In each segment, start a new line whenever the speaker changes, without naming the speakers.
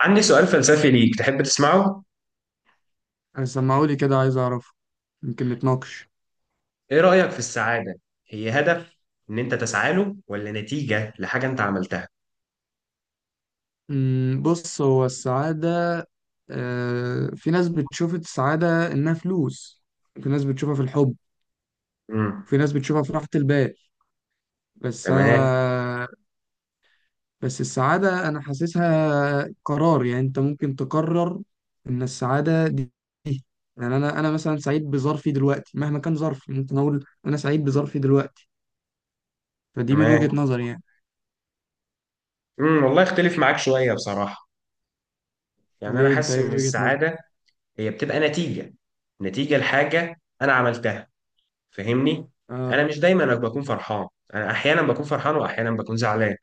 عندي سؤال فلسفي ليك، تحب تسمعه؟
سمعولي كده، عايز أعرف. يمكن نتناقش.
إيه رأيك في السعادة؟ هي هدف إن أنت تسعى له ولا نتيجة لحاجة أنت عملتها؟
بص، هو السعادة. في ناس بتشوف السعادة إنها فلوس. في ناس بتشوفها في الحب.
امم.
في ناس بتشوفها في راحة البال. بس
تمام،
أنا بس السعادة أنا حاسسها قرار، يعني أنت ممكن تقرر إن السعادة دي. يعني أنا مثلا سعيد بظرفي دلوقتي، مهما كان ظرفي ممكن أقول أنا سعيد بظرفي دلوقتي. فدي من
تمام.
وجهة نظري يعني.
والله اختلف معاك شوية بصراحة. يعني أنا
ليه؟ أنت
حاسس
إيه
إن
وجهة نظرك؟
السعادة هي بتبقى نتيجة. نتيجة لحاجة أنا عملتها، فاهمني.
آه.
انا مش دايما بكون فرحان. انا احيانا بكون فرحان واحيانا بكون زعلان.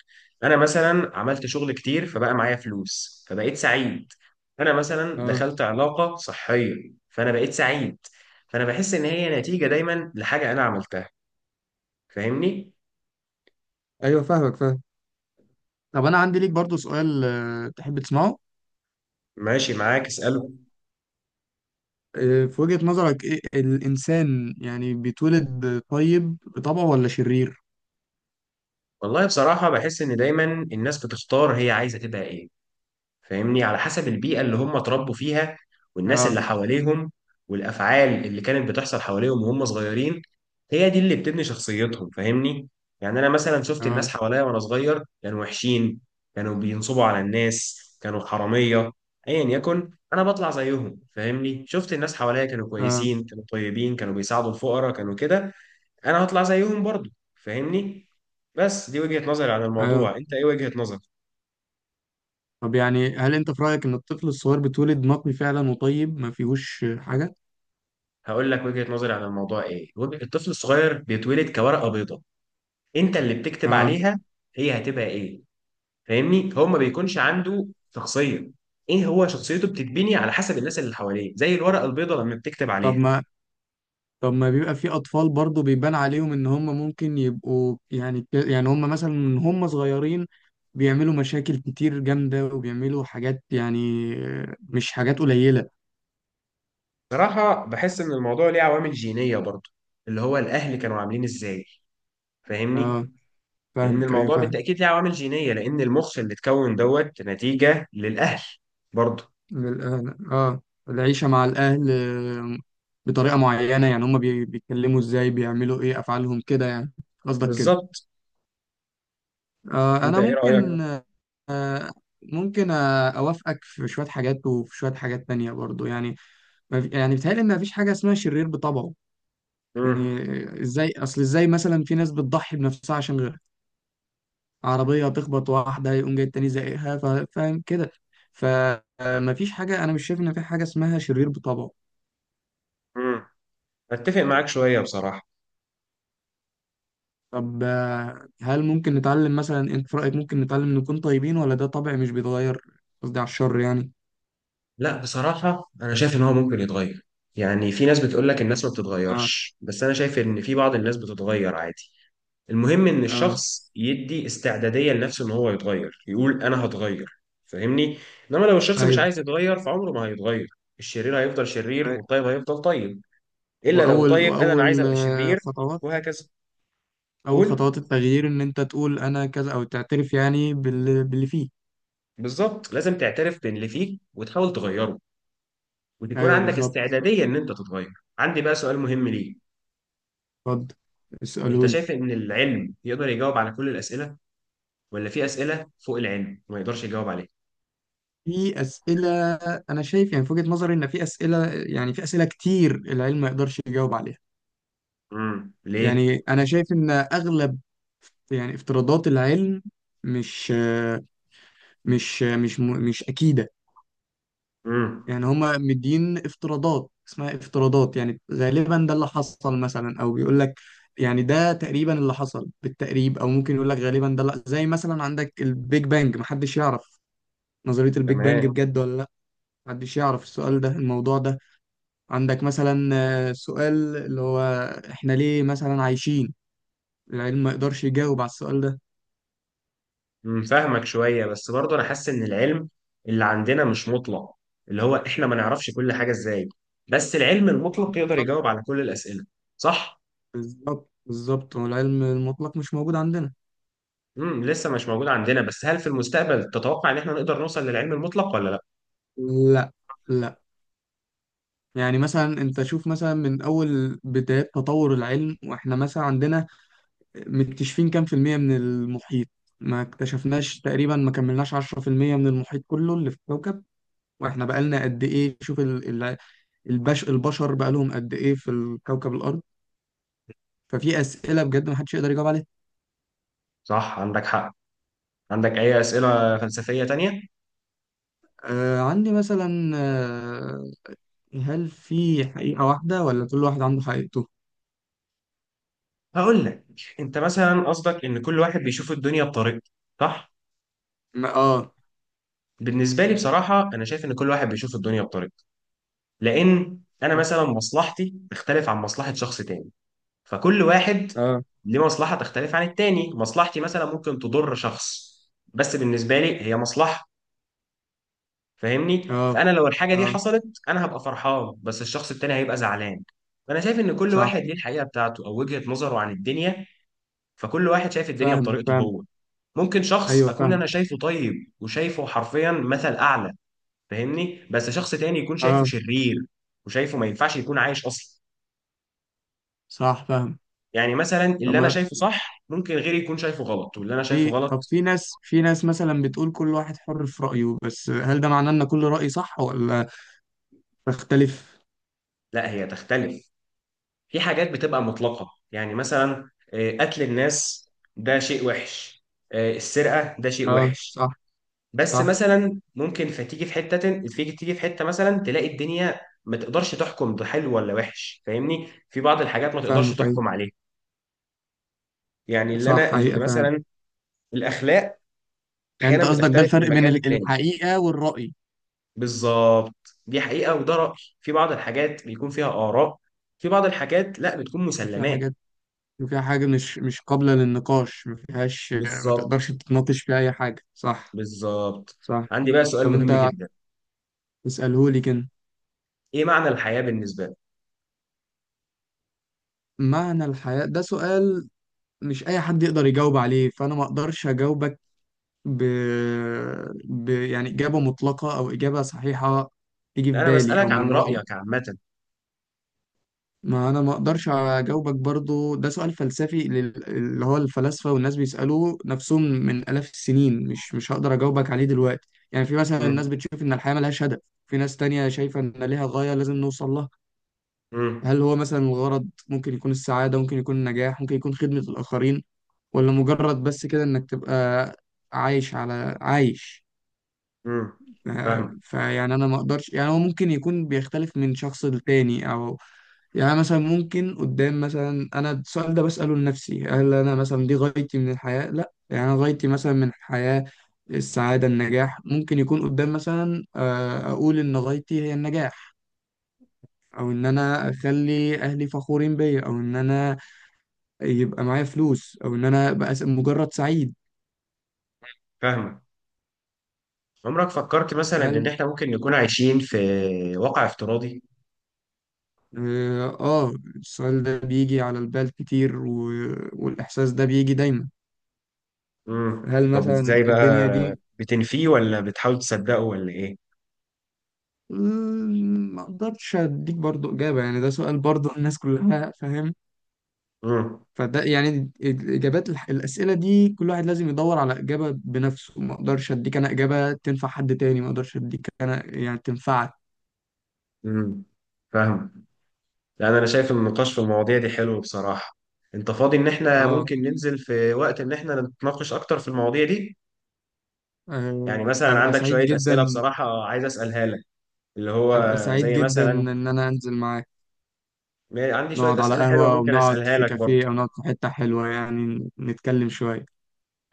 انا مثلا عملت شغل كتير فبقى معايا فلوس فبقيت سعيد. انا مثلا
آه.
دخلت علاقة صحية فانا بقيت سعيد. فانا بحس ان هي نتيجة دايما لحاجة انا عملتها، فاهمني.
أيوه، فاهمك، فاهم. طب، انا عندي ليك برضو سؤال، تحب تسمعه؟
ماشي معاك، اسأله.
في وجهة نظرك، ايه الانسان، يعني بيتولد طيب بطبعه ولا شرير؟
والله بصراحة بحس ان دايما الناس بتختار هي عايزة تبقى ايه، فاهمني، على حسب البيئة اللي هم اتربوا فيها والناس
اه.
اللي حواليهم والأفعال اللي كانت بتحصل حواليهم وهم صغيرين. هي دي اللي بتبني شخصيتهم، فاهمني. يعني أنا مثلا شفت
اه.
الناس حواليا وأنا صغير كانوا وحشين، كانوا بينصبوا على الناس، كانوا حرامية، أيا يكن أنا بطلع زيهم، فاهمني. شفت الناس حواليا كانوا
اه.
كويسين كانوا طيبين كانوا بيساعدوا الفقراء كانوا كده، أنا هطلع زيهم برضو، فاهمني. بس دي وجهة نظري عن
اه.
الموضوع، أنت إيه وجهة نظرك؟
طب، يعني هل انت في رأيك ان الطفل الصغير بيتولد نقي فعلا وطيب ما فيهوش حاجة؟
هقول لك وجهة نظري عن الموضوع. الطفل الصغير بيتولد كورقة بيضاء، انت اللي بتكتب
اه.
عليها هي هتبقى ايه، فاهمني. هو ما بيكونش عنده شخصية. ايه، هو شخصيته بتتبني على حسب الناس اللي حواليه زي الورقة البيضاء لما بتكتب
طب
عليها.
ما طب ما بيبقى في اطفال برضو بيبان عليهم ان هم ممكن يبقوا، يعني هم مثلا من هم صغيرين بيعملوا مشاكل كتير جامدة، وبيعملوا حاجات يعني، مش حاجات قليلة.
صراحة بحس ان الموضوع ليه عوامل جينية برضه، اللي هو الاهل كانوا عاملين ازاي، فاهمني.
اه،
لان
فاهمك، ايوه،
الموضوع
فاهم.
بالتأكيد ليه عوامل جينية لان المخ اللي اتكون دوت نتيجة للاهل برضه.
للأهل اه. العيشة مع الأهل بطريقة معينة، يعني هما بيتكلموا ازاي، بيعملوا ايه، أفعالهم كده يعني، قصدك كده؟
بالظبط.
آه.
انت
أنا
ايه
ممكن.
رأيك؟
ممكن أوافقك في شوية حاجات وفي شوية حاجات تانية برضو يعني. ما في- يعني بيتهيألي إن مفيش حاجة اسمها شرير بطبعه. يعني أصل ازاي مثلا في ناس بتضحي بنفسها عشان غيرها، عربية تخبط واحدة يقوم جاي التاني زقها، فاهم كده. فمفيش حاجة أنا مش شايف إن في حاجة اسمها شرير بطبعه.
امم اتفق معاك شويه بصراحه.
طب، هل ممكن نتعلم؟ مثلا انت في رأيك ممكن نتعلم نكون طيبين ولا ده طبع مش بيتغير؟ قصدي على الشر يعني.
لا، بصراحه انا شايف ان هو ممكن يتغير. يعني في ناس بتقول لك الناس ما
اه.
بتتغيرش، بس انا شايف ان في بعض الناس بتتغير عادي. المهم ان
اه.
الشخص يدي استعداديه لنفسه ان هو يتغير، يقول انا هتغير، فاهمني. انما لو الشخص مش
ايوه.
عايز يتغير فعمره ما هيتغير. الشرير هيفضل شرير
أيوة.
والطيب هيفضل طيب، الا لو
واول
طيب قال انا
واول
عايز ابقى شرير.
خطوات.
وهكذا.
اول
قول.
خطوات التغيير ان انت تقول انا كذا، او تعترف يعني باللي فيه.
بالظبط، لازم تعترف باللي فيك وتحاول تغيره وتكون
ايوه،
عندك
بالظبط.
استعداديه ان انت تتغير. عندي بقى سؤال مهم ليك.
اتفضل، اسالوا
انت
لي.
شايف ان العلم يقدر يجاوب على كل الاسئله ولا في اسئله فوق العلم وما يقدرش يجاوب عليها؟
في اسئله. انا شايف يعني في وجهه نظري ان في اسئله كتير العلم ما يقدرش يجاوب عليها.
ليه؟
يعني انا شايف ان اغلب، يعني افتراضات العلم، مش آه، مش مش م- مش أكيدة.
امم،
يعني هما مدين افتراضات اسمها افتراضات، يعني غالبا ده اللي حصل مثلا، أو بيقول لك يعني ده تقريبا اللي حصل بالتقريب، أو ممكن يقول لك غالبا ده. لا، زي مثلا عندك البيج بانج، محدش يعرف نظرية البيج بانج
تمام.
بجد ولا لا. محدش يعرف السؤال ده، الموضوع ده. عندك مثلا سؤال اللي هو احنا ليه مثلا عايشين؟ العلم ما يقدرش يجاوب على السؤال ده.
فاهمك شويه بس برضه انا حاسس ان العلم اللي عندنا مش مطلق. اللي هو احنا ما نعرفش كل حاجه ازاي. بس العلم المطلق يقدر
بالظبط.
يجاوب على كل الاسئله، صح؟
بالظبط، بالظبط. والعلم المطلق مش موجود عندنا.
لسه مش موجود عندنا. بس هل في المستقبل تتوقع ان احنا نقدر نوصل للعلم المطلق ولا لا؟
لا، لا. يعني مثلا انت شوف، مثلا من اول بدايات تطور العلم، واحنا مثلا عندنا مكتشفين كام في المية من المحيط؟ ما اكتشفناش تقريبا، ما كملناش 10% من المحيط كله اللي في الكوكب. واحنا بقالنا قد ايه؟ شوف البشر بقالهم قد ايه في الكوكب الارض. ففي اسئلة بجد ما حدش يقدر يجاوب عليها.
صح، عندك حق. عندك اي اسئله فلسفيه تانية؟
آه، عندي مثلا. هل في حقيقة واحدة ولا كل واحد عنده حقيقته؟
هقول لك. انت مثلا قصدك ان كل واحد بيشوف الدنيا بطريقته، صح؟
اه.
بالنسبه لي بصراحه انا شايف ان كل واحد بيشوف الدنيا بطريقته. لان انا مثلا مصلحتي تختلف عن مصلحه شخص تاني. فكل واحد
اه.
ليه مصلحه تختلف عن التاني. مصلحتي مثلا ممكن تضر شخص، بس بالنسبه لي هي مصلحه، فاهمني.
اه.
فانا لو الحاجه دي
اه.
حصلت انا هبقى فرحان بس الشخص التاني هيبقى زعلان. فانا شايف ان كل
صح،
واحد ليه الحقيقه بتاعته او وجهه نظره عن الدنيا. فكل واحد شايف الدنيا
فاهم.
بطريقته
فاهم.
هو. ممكن شخص
ايوه،
اكون
فاهم.
انا شايفه طيب وشايفه حرفيا مثل اعلى، فاهمني، بس شخص تاني يكون شايفه
اه،
شرير وشايفه ما ينفعش يكون عايش اصلا.
صح، فاهم.
يعني مثلا
طب
اللي انا
ما
شايفه صح ممكن غيري يكون شايفه غلط، واللي انا شايفه غلط.
في ناس مثلا بتقول كل واحد حر في رأيه، بس هل ده معناه ان كل رأي صح ولا تختلف؟
لا، هي تختلف. في حاجات بتبقى مطلقة. يعني مثلا قتل الناس ده شيء وحش. السرقة ده شيء
اه،
وحش.
صح.
بس
صح،
مثلا ممكن فتيجي في حته تيجي في حته مثلا تلاقي الدنيا ما تقدرش تحكم ده حلو ولا وحش، فاهمني. في بعض الحاجات ما تقدرش
فاهمك، ايوه،
تحكم عليها. يعني
صح،
اللي
حقيقة فعلا.
مثلا الاخلاق
يعني
احيانا
انت قصدك ده
بتختلف من
الفرق بين
مكان للتاني.
الحقيقة والرأي؟
بالظبط. دي حقيقه وده راي. في بعض الحاجات بيكون فيها اراء. في بعض الحاجات لا، بتكون
وفي
مسلمات.
حاجات وفي حاجة مش قابلة للنقاش، ما فيهاش، ما تقدرش
بالظبط،
تتناقش فيها اي حاجة، صح؟
بالظبط.
صح.
عندي بقى سؤال
طب،
مهم
انت
جدا.
اسألهولي كده.
ايه معنى الحياه بالنسبه لك؟
معنى الحياة ده سؤال مش اي حد يقدر يجاوب عليه، فانا ما اقدرش اجاوبك ب... يعني إجابة مطلقة أو إجابة صحيحة تيجي في
انا
بالي أو
بسالك عن
من رأيي.
رايك عامه.
ما أنا ما أقدرش أجاوبك برضو، ده سؤال فلسفي اللي هو الفلاسفة والناس بيسألوه نفسهم من آلاف السنين، مش هقدر أجاوبك عليه دلوقتي، يعني في مثلا
امم.
الناس بتشوف إن الحياة ملهاش هدف. في ناس تانية شايفة إن ليها غاية لازم نوصل لها.
امم.
هل هو مثلا الغرض ممكن يكون السعادة، ممكن يكون النجاح، ممكن يكون خدمة الآخرين، ولا مجرد بس كده إنك تبقى عايش على عايش؟
امم. فاهم.
فيعني انا ما اقدرش، يعني هو ممكن يكون بيختلف من شخص للتاني او. يعني مثلا ممكن قدام، مثلا انا السؤال ده بسأله لنفسي، هل انا مثلا دي غايتي من الحياة؟ لا، يعني انا غايتي مثلا من الحياة السعادة، النجاح. ممكن يكون قدام مثلا اقول ان غايتي هي النجاح، او ان انا اخلي اهلي فخورين بيا، او ان انا يبقى معايا فلوس، او ان انا ابقى مجرد سعيد.
فاهمك. عمرك فكرت مثلا ان
هل
احنا ممكن نكون عايشين في واقع افتراضي؟
اه. السؤال ده بيجي على البال كتير والإحساس ده بيجي دايما. هل
طب
مثلا
ازاي
الدنيا
بقى
دي
بتنفيه ولا بتحاول تصدقه ولا ايه؟
ما اقدرش اديك برضو إجابة، يعني ده سؤال برضو الناس كلها، فاهم؟
امم.
فده يعني الأسئلة دي كل واحد لازم يدور على إجابة بنفسه. ما اقدرش اديك انا إجابة تنفع حد تاني، ما اقدرش اديك انا يعني تنفعك.
امم. فاهم. لان انا شايف إن النقاش في المواضيع دي حلو بصراحة. انت فاضي ان احنا
اه.
ممكن ننزل في وقت ان احنا نتناقش اكتر في المواضيع دي؟ يعني مثلا
هبقى
عندك
سعيد
شوية اسئلة
جدا.
بصراحة عايز اسالها لك. اللي هو
هبقى سعيد
زي
جدا
مثلا
ان انا انزل معاك.
عندي شوية
نقعد على
اسئلة حلوة
قهوة، أو
ممكن
نقعد
اسالها
في
لك برضه.
كافيه، أو نقعد في حتة حلوة، يعني نتكلم شوية.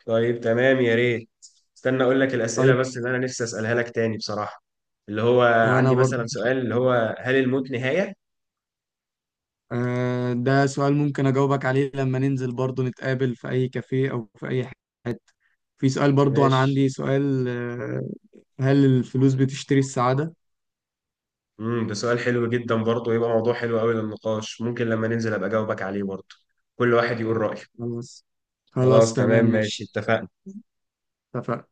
طيب تمام، يا ريت. استنى اقول لك الاسئله
طيب.
بس اللي انا نفسي اسالها لك تاني بصراحه. اللي هو
وأنا
عندي مثلا
برضه
سؤال اللي هو هل الموت نهايه؟
ده سؤال ممكن أجاوبك عليه لما ننزل برضه، نتقابل في أي كافيه أو في أي حتة. في سؤال برضه أنا
ماشي.
عندي سؤال، هل الفلوس بتشتري السعادة؟
ده سؤال حلو جدا برضه، يبقى موضوع حلو قوي للنقاش، ممكن لما ننزل ابقى اجاوبك عليه برضه. كل واحد يقول رايه.
خلاص. خلاص،
خلاص تمام
تمام،
ماشي،
ماشي.
اتفقنا.
اتفقنا.